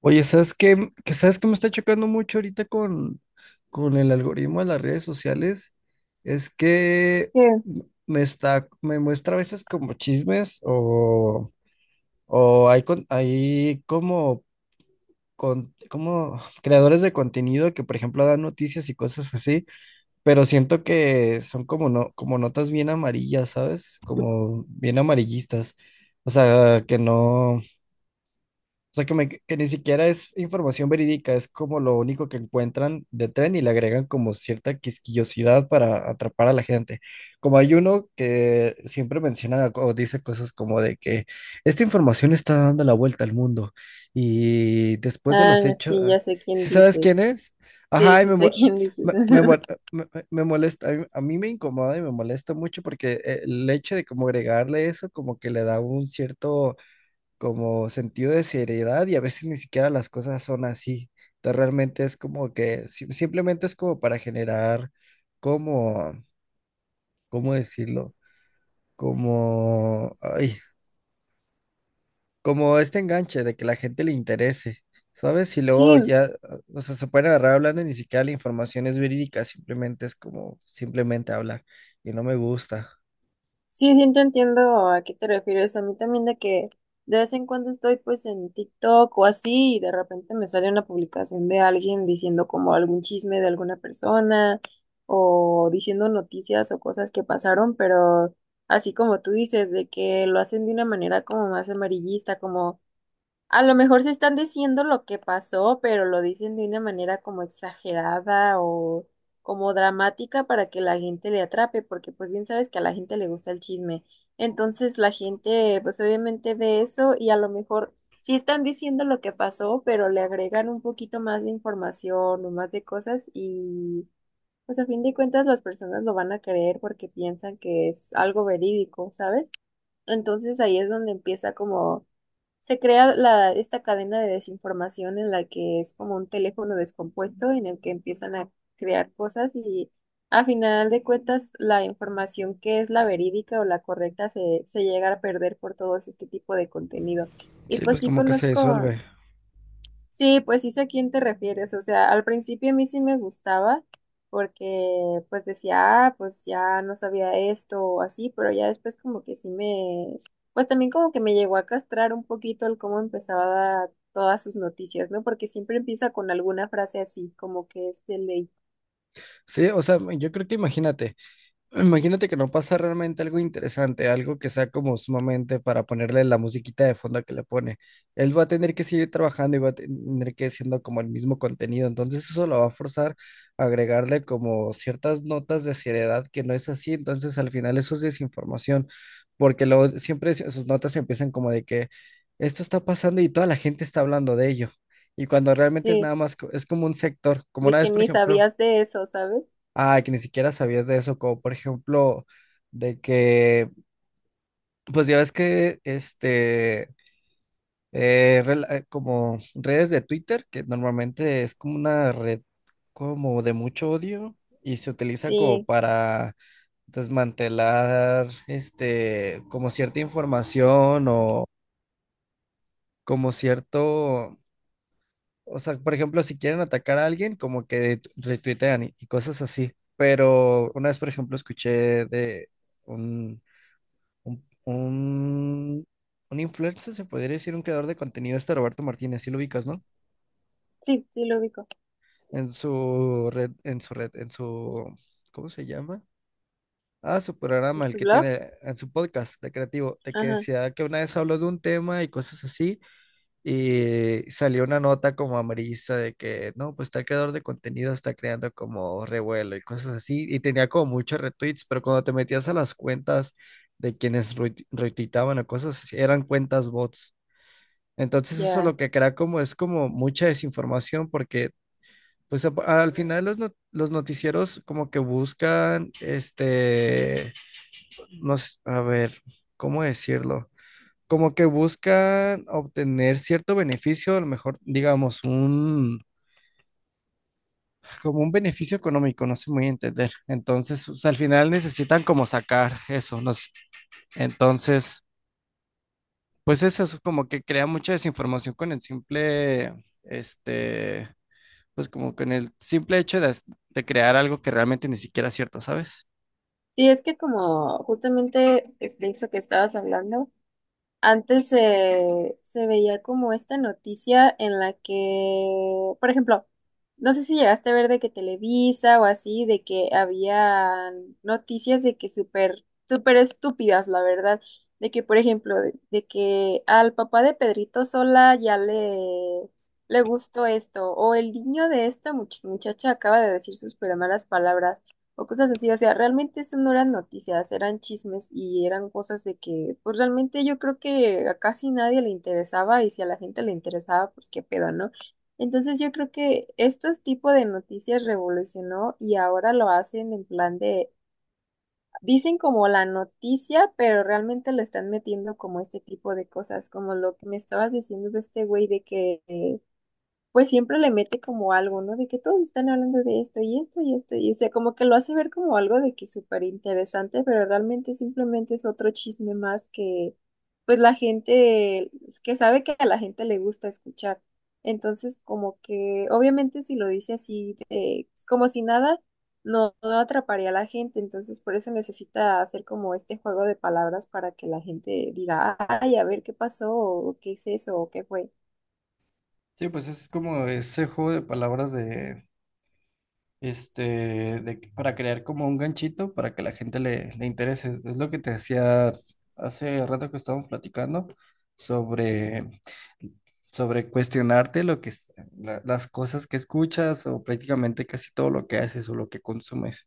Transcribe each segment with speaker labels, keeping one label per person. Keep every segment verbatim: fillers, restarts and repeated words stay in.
Speaker 1: Oye, ¿sabes qué? Que ¿Sabes qué me está chocando mucho ahorita con, con el algoritmo de las redes sociales? Es que
Speaker 2: ¿Qué?
Speaker 1: me está, me muestra a veces como chismes o, o hay, con- hay como, con, como creadores de contenido que, por ejemplo, dan noticias y cosas así, pero siento que son como, no, como notas bien amarillas, ¿sabes? Como bien amarillistas. O sea, que no. O sea, que, me- que ni siquiera es información verídica, es como lo único que encuentran de tren y le agregan como cierta quisquillosidad para atrapar a la gente. Como hay uno que siempre menciona o dice cosas como de que esta información está dando la vuelta al mundo y después de
Speaker 2: Ah,
Speaker 1: los hechos,
Speaker 2: sí, ya sé quién
Speaker 1: si sabes quién
Speaker 2: dices.
Speaker 1: es?
Speaker 2: Sí,
Speaker 1: Ajá, y
Speaker 2: sí
Speaker 1: me,
Speaker 2: sé
Speaker 1: mo-
Speaker 2: quién dices.
Speaker 1: me, me mo- me- me- me molesta, a mí, a mí me incomoda y me molesta mucho porque eh, el hecho de como agregarle eso como que le da un cierto como sentido de seriedad y a veces ni siquiera las cosas son así. Entonces realmente es como que si- simplemente es como para generar como, ¿cómo decirlo? Como, ay, como este enganche de que la gente le interese, ¿sabes? Y luego
Speaker 2: Sí,
Speaker 1: ya, o sea, se pueden agarrar hablando y ni siquiera la información es verídica, simplemente es como simplemente hablar y no me gusta.
Speaker 2: sí, sí te entiendo a qué te refieres. A mí también de que de vez en cuando estoy pues en TikTok o así y de repente me sale una publicación de alguien diciendo como algún chisme de alguna persona o diciendo noticias o cosas que pasaron, pero así como tú dices, de que lo hacen de una manera como más amarillista, como... A lo mejor se están diciendo lo que pasó, pero lo dicen de una manera como exagerada o como dramática para que la gente le atrape, porque pues bien sabes que a la gente le gusta el chisme. Entonces la gente pues obviamente ve eso y a lo mejor sí están diciendo lo que pasó, pero le agregan un poquito más de información o más de cosas y pues a fin de cuentas las personas lo van a creer porque piensan que es algo verídico, ¿sabes? Entonces ahí es donde empieza como se crea la, esta cadena de desinformación en la que es como un teléfono descompuesto en el que empiezan a crear cosas y a final de cuentas la información que es la verídica o la correcta se, se llega a perder por todo este tipo de contenido. Y
Speaker 1: Sí,
Speaker 2: pues
Speaker 1: pues
Speaker 2: sí
Speaker 1: como que se
Speaker 2: conozco.
Speaker 1: disuelve.
Speaker 2: Sí, pues sí sé a quién te refieres. O sea, al principio a mí sí me gustaba porque pues decía, ah, pues ya no sabía esto o así, pero ya después como que sí me, pues también como que me llegó a castrar un poquito el cómo empezaba todas sus noticias, ¿no? Porque siempre empieza con alguna frase así, como que es de ley.
Speaker 1: Sí, o sea, yo creo que imagínate. Imagínate que no pasa realmente algo interesante, algo que sea como sumamente para ponerle la musiquita de fondo que le pone. Él va a tener que seguir trabajando y va a tener que siendo como el mismo contenido, entonces eso lo va a forzar a agregarle como ciertas notas de seriedad que no es así, entonces al final eso es desinformación, porque luego siempre es- sus notas empiezan como de que esto está pasando y toda la gente está hablando de ello, y cuando realmente es
Speaker 2: Sí,
Speaker 1: nada más, co- es como un sector, como
Speaker 2: de
Speaker 1: una
Speaker 2: que
Speaker 1: vez, por
Speaker 2: ni
Speaker 1: ejemplo.
Speaker 2: sabías de eso, ¿sabes?
Speaker 1: Ay, que ni siquiera sabías de eso, como por ejemplo, de que, pues ya ves que, este, eh, rela- eh, como redes de Twitter, que normalmente es como una red como de mucho odio y se utiliza como
Speaker 2: Sí,
Speaker 1: para desmantelar, este, como cierta información o como cierto, o sea, por ejemplo, si quieren atacar a alguien, como que retuitean y y cosas así. Pero una vez, por ejemplo, escuché de un, Un, un, un influencer, se podría decir, un creador de contenido, este Roberto Martínez, sí lo ubicas, ¿no?
Speaker 2: sí, sí lo ubico.
Speaker 1: En su red, en su red, en su, ¿cómo se llama? Ah, su programa, el
Speaker 2: ¿Su
Speaker 1: que
Speaker 2: blog?
Speaker 1: tiene en su podcast de creativo, de que
Speaker 2: Ajá,
Speaker 1: decía que una vez habló de un tema y cosas así, y salió una nota como amarillista de que, no, pues tal creador de contenido está creando como revuelo y cosas así, y tenía como muchos retweets, pero cuando te metías a las cuentas de quienes retuit- retuitaban o cosas así, eran cuentas bots. Entonces eso lo
Speaker 2: ya.
Speaker 1: que crea como es como mucha desinformación porque pues a- al final los, no- los noticieros como que buscan este, nos, a ver, ¿cómo decirlo? Como que buscan obtener cierto beneficio, a lo mejor digamos un, como un beneficio económico, no sé muy bien entender. Entonces, o sea al final necesitan como sacar eso, no sé. Entonces, pues eso es como que crea mucha desinformación con el simple este pues como con el simple hecho de, as- de crear algo que realmente ni siquiera es cierto, ¿sabes?
Speaker 2: Sí, es que como justamente es de eso que estabas hablando. Antes se, se veía como esta noticia en la que, por ejemplo, no sé si llegaste a ver de que Televisa o así, de que había noticias de que súper, súper estúpidas, la verdad, de que, por ejemplo, de, de que al papá de Pedrito Sola ya le, le gustó esto, o el niño de esta much- muchacha acaba de decir sus super malas palabras o cosas así. O sea, realmente eso no eran noticias, eran chismes y eran cosas de que, pues realmente yo creo que a casi nadie le interesaba y si a la gente le interesaba, pues qué pedo, ¿no? Entonces yo creo que estos tipo de noticias revolucionó y ahora lo hacen en plan de, dicen como la noticia, pero realmente le están metiendo como este tipo de cosas, como lo que me estabas diciendo de este güey de que... eh, pues siempre le mete como algo, ¿no? De que todos están hablando de esto y esto y esto, y o sea, como que lo hace ver como algo de que súper interesante, pero realmente simplemente es otro chisme más que, pues la gente, que sabe que a la gente le gusta escuchar. Entonces, como que, obviamente si lo dice así, de- pues, como si nada, no, no atraparía a la gente, entonces por eso necesita hacer como este juego de palabras para que la gente diga, ay, a ver qué pasó, o qué es eso, o qué fue.
Speaker 1: Sí, pues es como ese juego de palabras de, este, de, que- para crear como un ganchito para que la gente le, le interese. Es lo que te decía hace rato que estábamos platicando sobre, sobre cuestionarte lo que, es- la- las cosas que escuchas o prácticamente casi todo lo que haces o lo que consumes.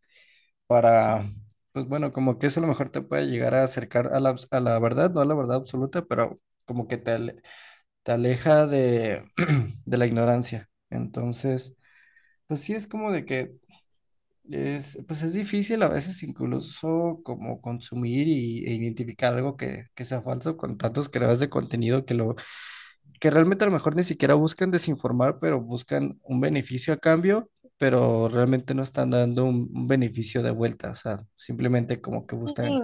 Speaker 1: Para, pues bueno, como que eso a lo mejor te puede llegar a acercar a la, a la verdad, no a la verdad absoluta, pero como que te, ale- te aleja de, de la ignorancia. Entonces, pues sí es como de que es, pues es difícil a veces incluso como consumir y, e identificar algo que, que sea falso con tantos creadores de contenido que lo que realmente a lo mejor ni siquiera buscan desinformar, pero buscan un beneficio a cambio, pero realmente no están dando un, un beneficio de vuelta, o sea, simplemente como que
Speaker 2: Sí,
Speaker 1: buscan,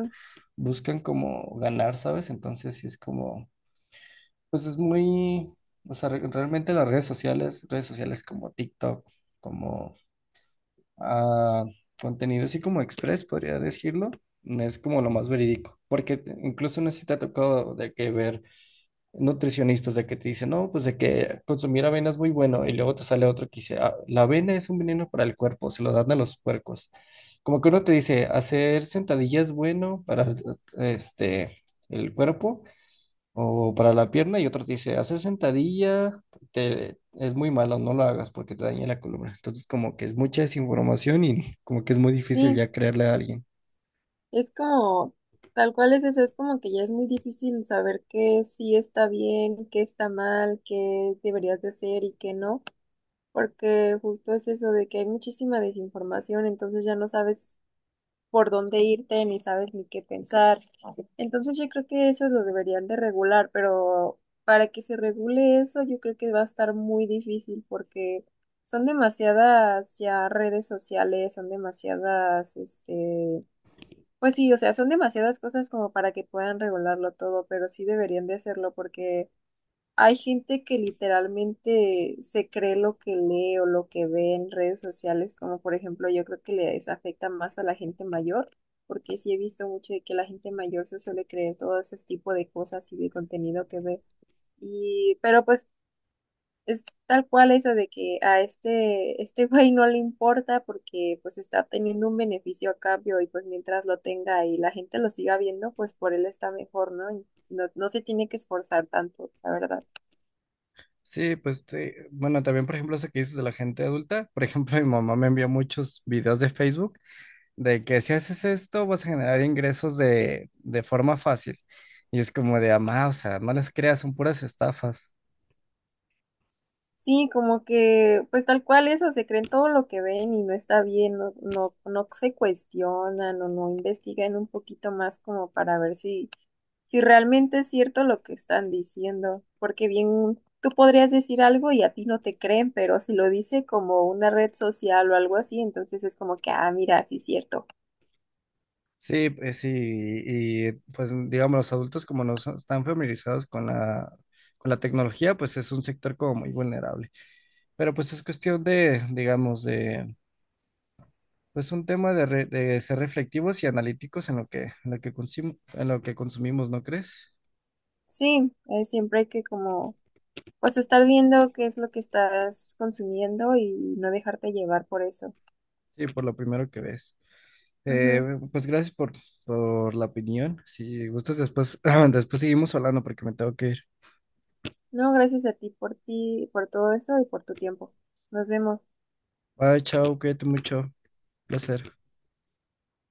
Speaker 1: buscan como ganar, ¿sabes? Entonces sí es como, pues es muy, o sea, re- realmente las redes sociales, redes sociales como TikTok, como ah, contenido así como Express, podría decirlo, es como lo más verídico, porque incluso no sé si te ha tocado de que ver nutricionistas de que te dicen, no, pues de que consumir avena es muy bueno, y luego te sale otro que dice, "Ah, la avena es un veneno para el cuerpo, se lo dan a los puercos". Como que uno te dice, hacer sentadilla es bueno para este, el cuerpo o para la pierna, y otro te dice, hacer sentadilla te- es muy malo, no lo hagas porque te daña la columna. Entonces, como que es mucha desinformación y como que es muy difícil
Speaker 2: sí.
Speaker 1: ya creerle a alguien.
Speaker 2: Es como, tal cual es eso, es como que ya es muy difícil saber qué sí está bien, qué está mal, qué deberías de hacer y qué no, porque justo es eso de que hay muchísima desinformación, entonces ya no sabes por dónde irte, ni sabes ni qué pensar. Entonces yo creo que eso lo deberían de regular, pero para que se regule eso, yo creo que va a estar muy difícil porque son demasiadas ya redes sociales, son demasiadas, este, pues sí, o sea, son demasiadas cosas como para que puedan regularlo todo, pero sí deberían de hacerlo porque hay gente que literalmente se cree lo que lee o lo que ve en redes sociales, como por ejemplo yo creo que les afecta más a la gente mayor, porque sí he visto mucho de que la gente mayor se suele creer todo ese tipo de cosas y de contenido que ve. Y, pero pues es tal cual eso de que a este, este güey no le importa porque pues está obteniendo un beneficio a cambio y pues mientras lo tenga y la gente lo siga viendo, pues por él está mejor, ¿no? Y no, no se tiene que esforzar tanto, la verdad.
Speaker 1: Sí, pues te- bueno, también por ejemplo eso que dices de la gente adulta, por ejemplo mi mamá me envió muchos videos de Facebook de que si haces esto vas a generar ingresos de, de forma fácil. Y es como de, amá, o sea, no les creas, son puras estafas.
Speaker 2: Sí, como que pues tal cual eso, se creen todo lo que ven y no está bien, no, no, no se cuestionan o no investigan un poquito más como para ver si si realmente es cierto lo que están diciendo, porque bien tú podrías decir algo y a ti no te creen, pero si lo dice como una red social o algo así, entonces es como que, ah, mira, sí es cierto.
Speaker 1: Sí, pues sí, y pues digamos los adultos como no son- están familiarizados con la, con la tecnología, pues es un sector como muy vulnerable. Pero pues es cuestión de, digamos, de pues un tema de, re- de ser reflectivos y analíticos en lo que, en lo que, consum- en lo que consumimos, ¿no crees?
Speaker 2: Sí, eh, siempre hay que como, pues estar viendo qué es lo que estás consumiendo y no dejarte llevar por eso.
Speaker 1: Sí, por lo primero que ves. Eh,
Speaker 2: Ujú.
Speaker 1: pues gracias por, por la opinión. Si gustas, después, después seguimos hablando porque me tengo que ir.
Speaker 2: No, gracias a ti por ti, por todo eso y por tu tiempo. Nos vemos.
Speaker 1: Bye, chao, cuídate mucho. Placer.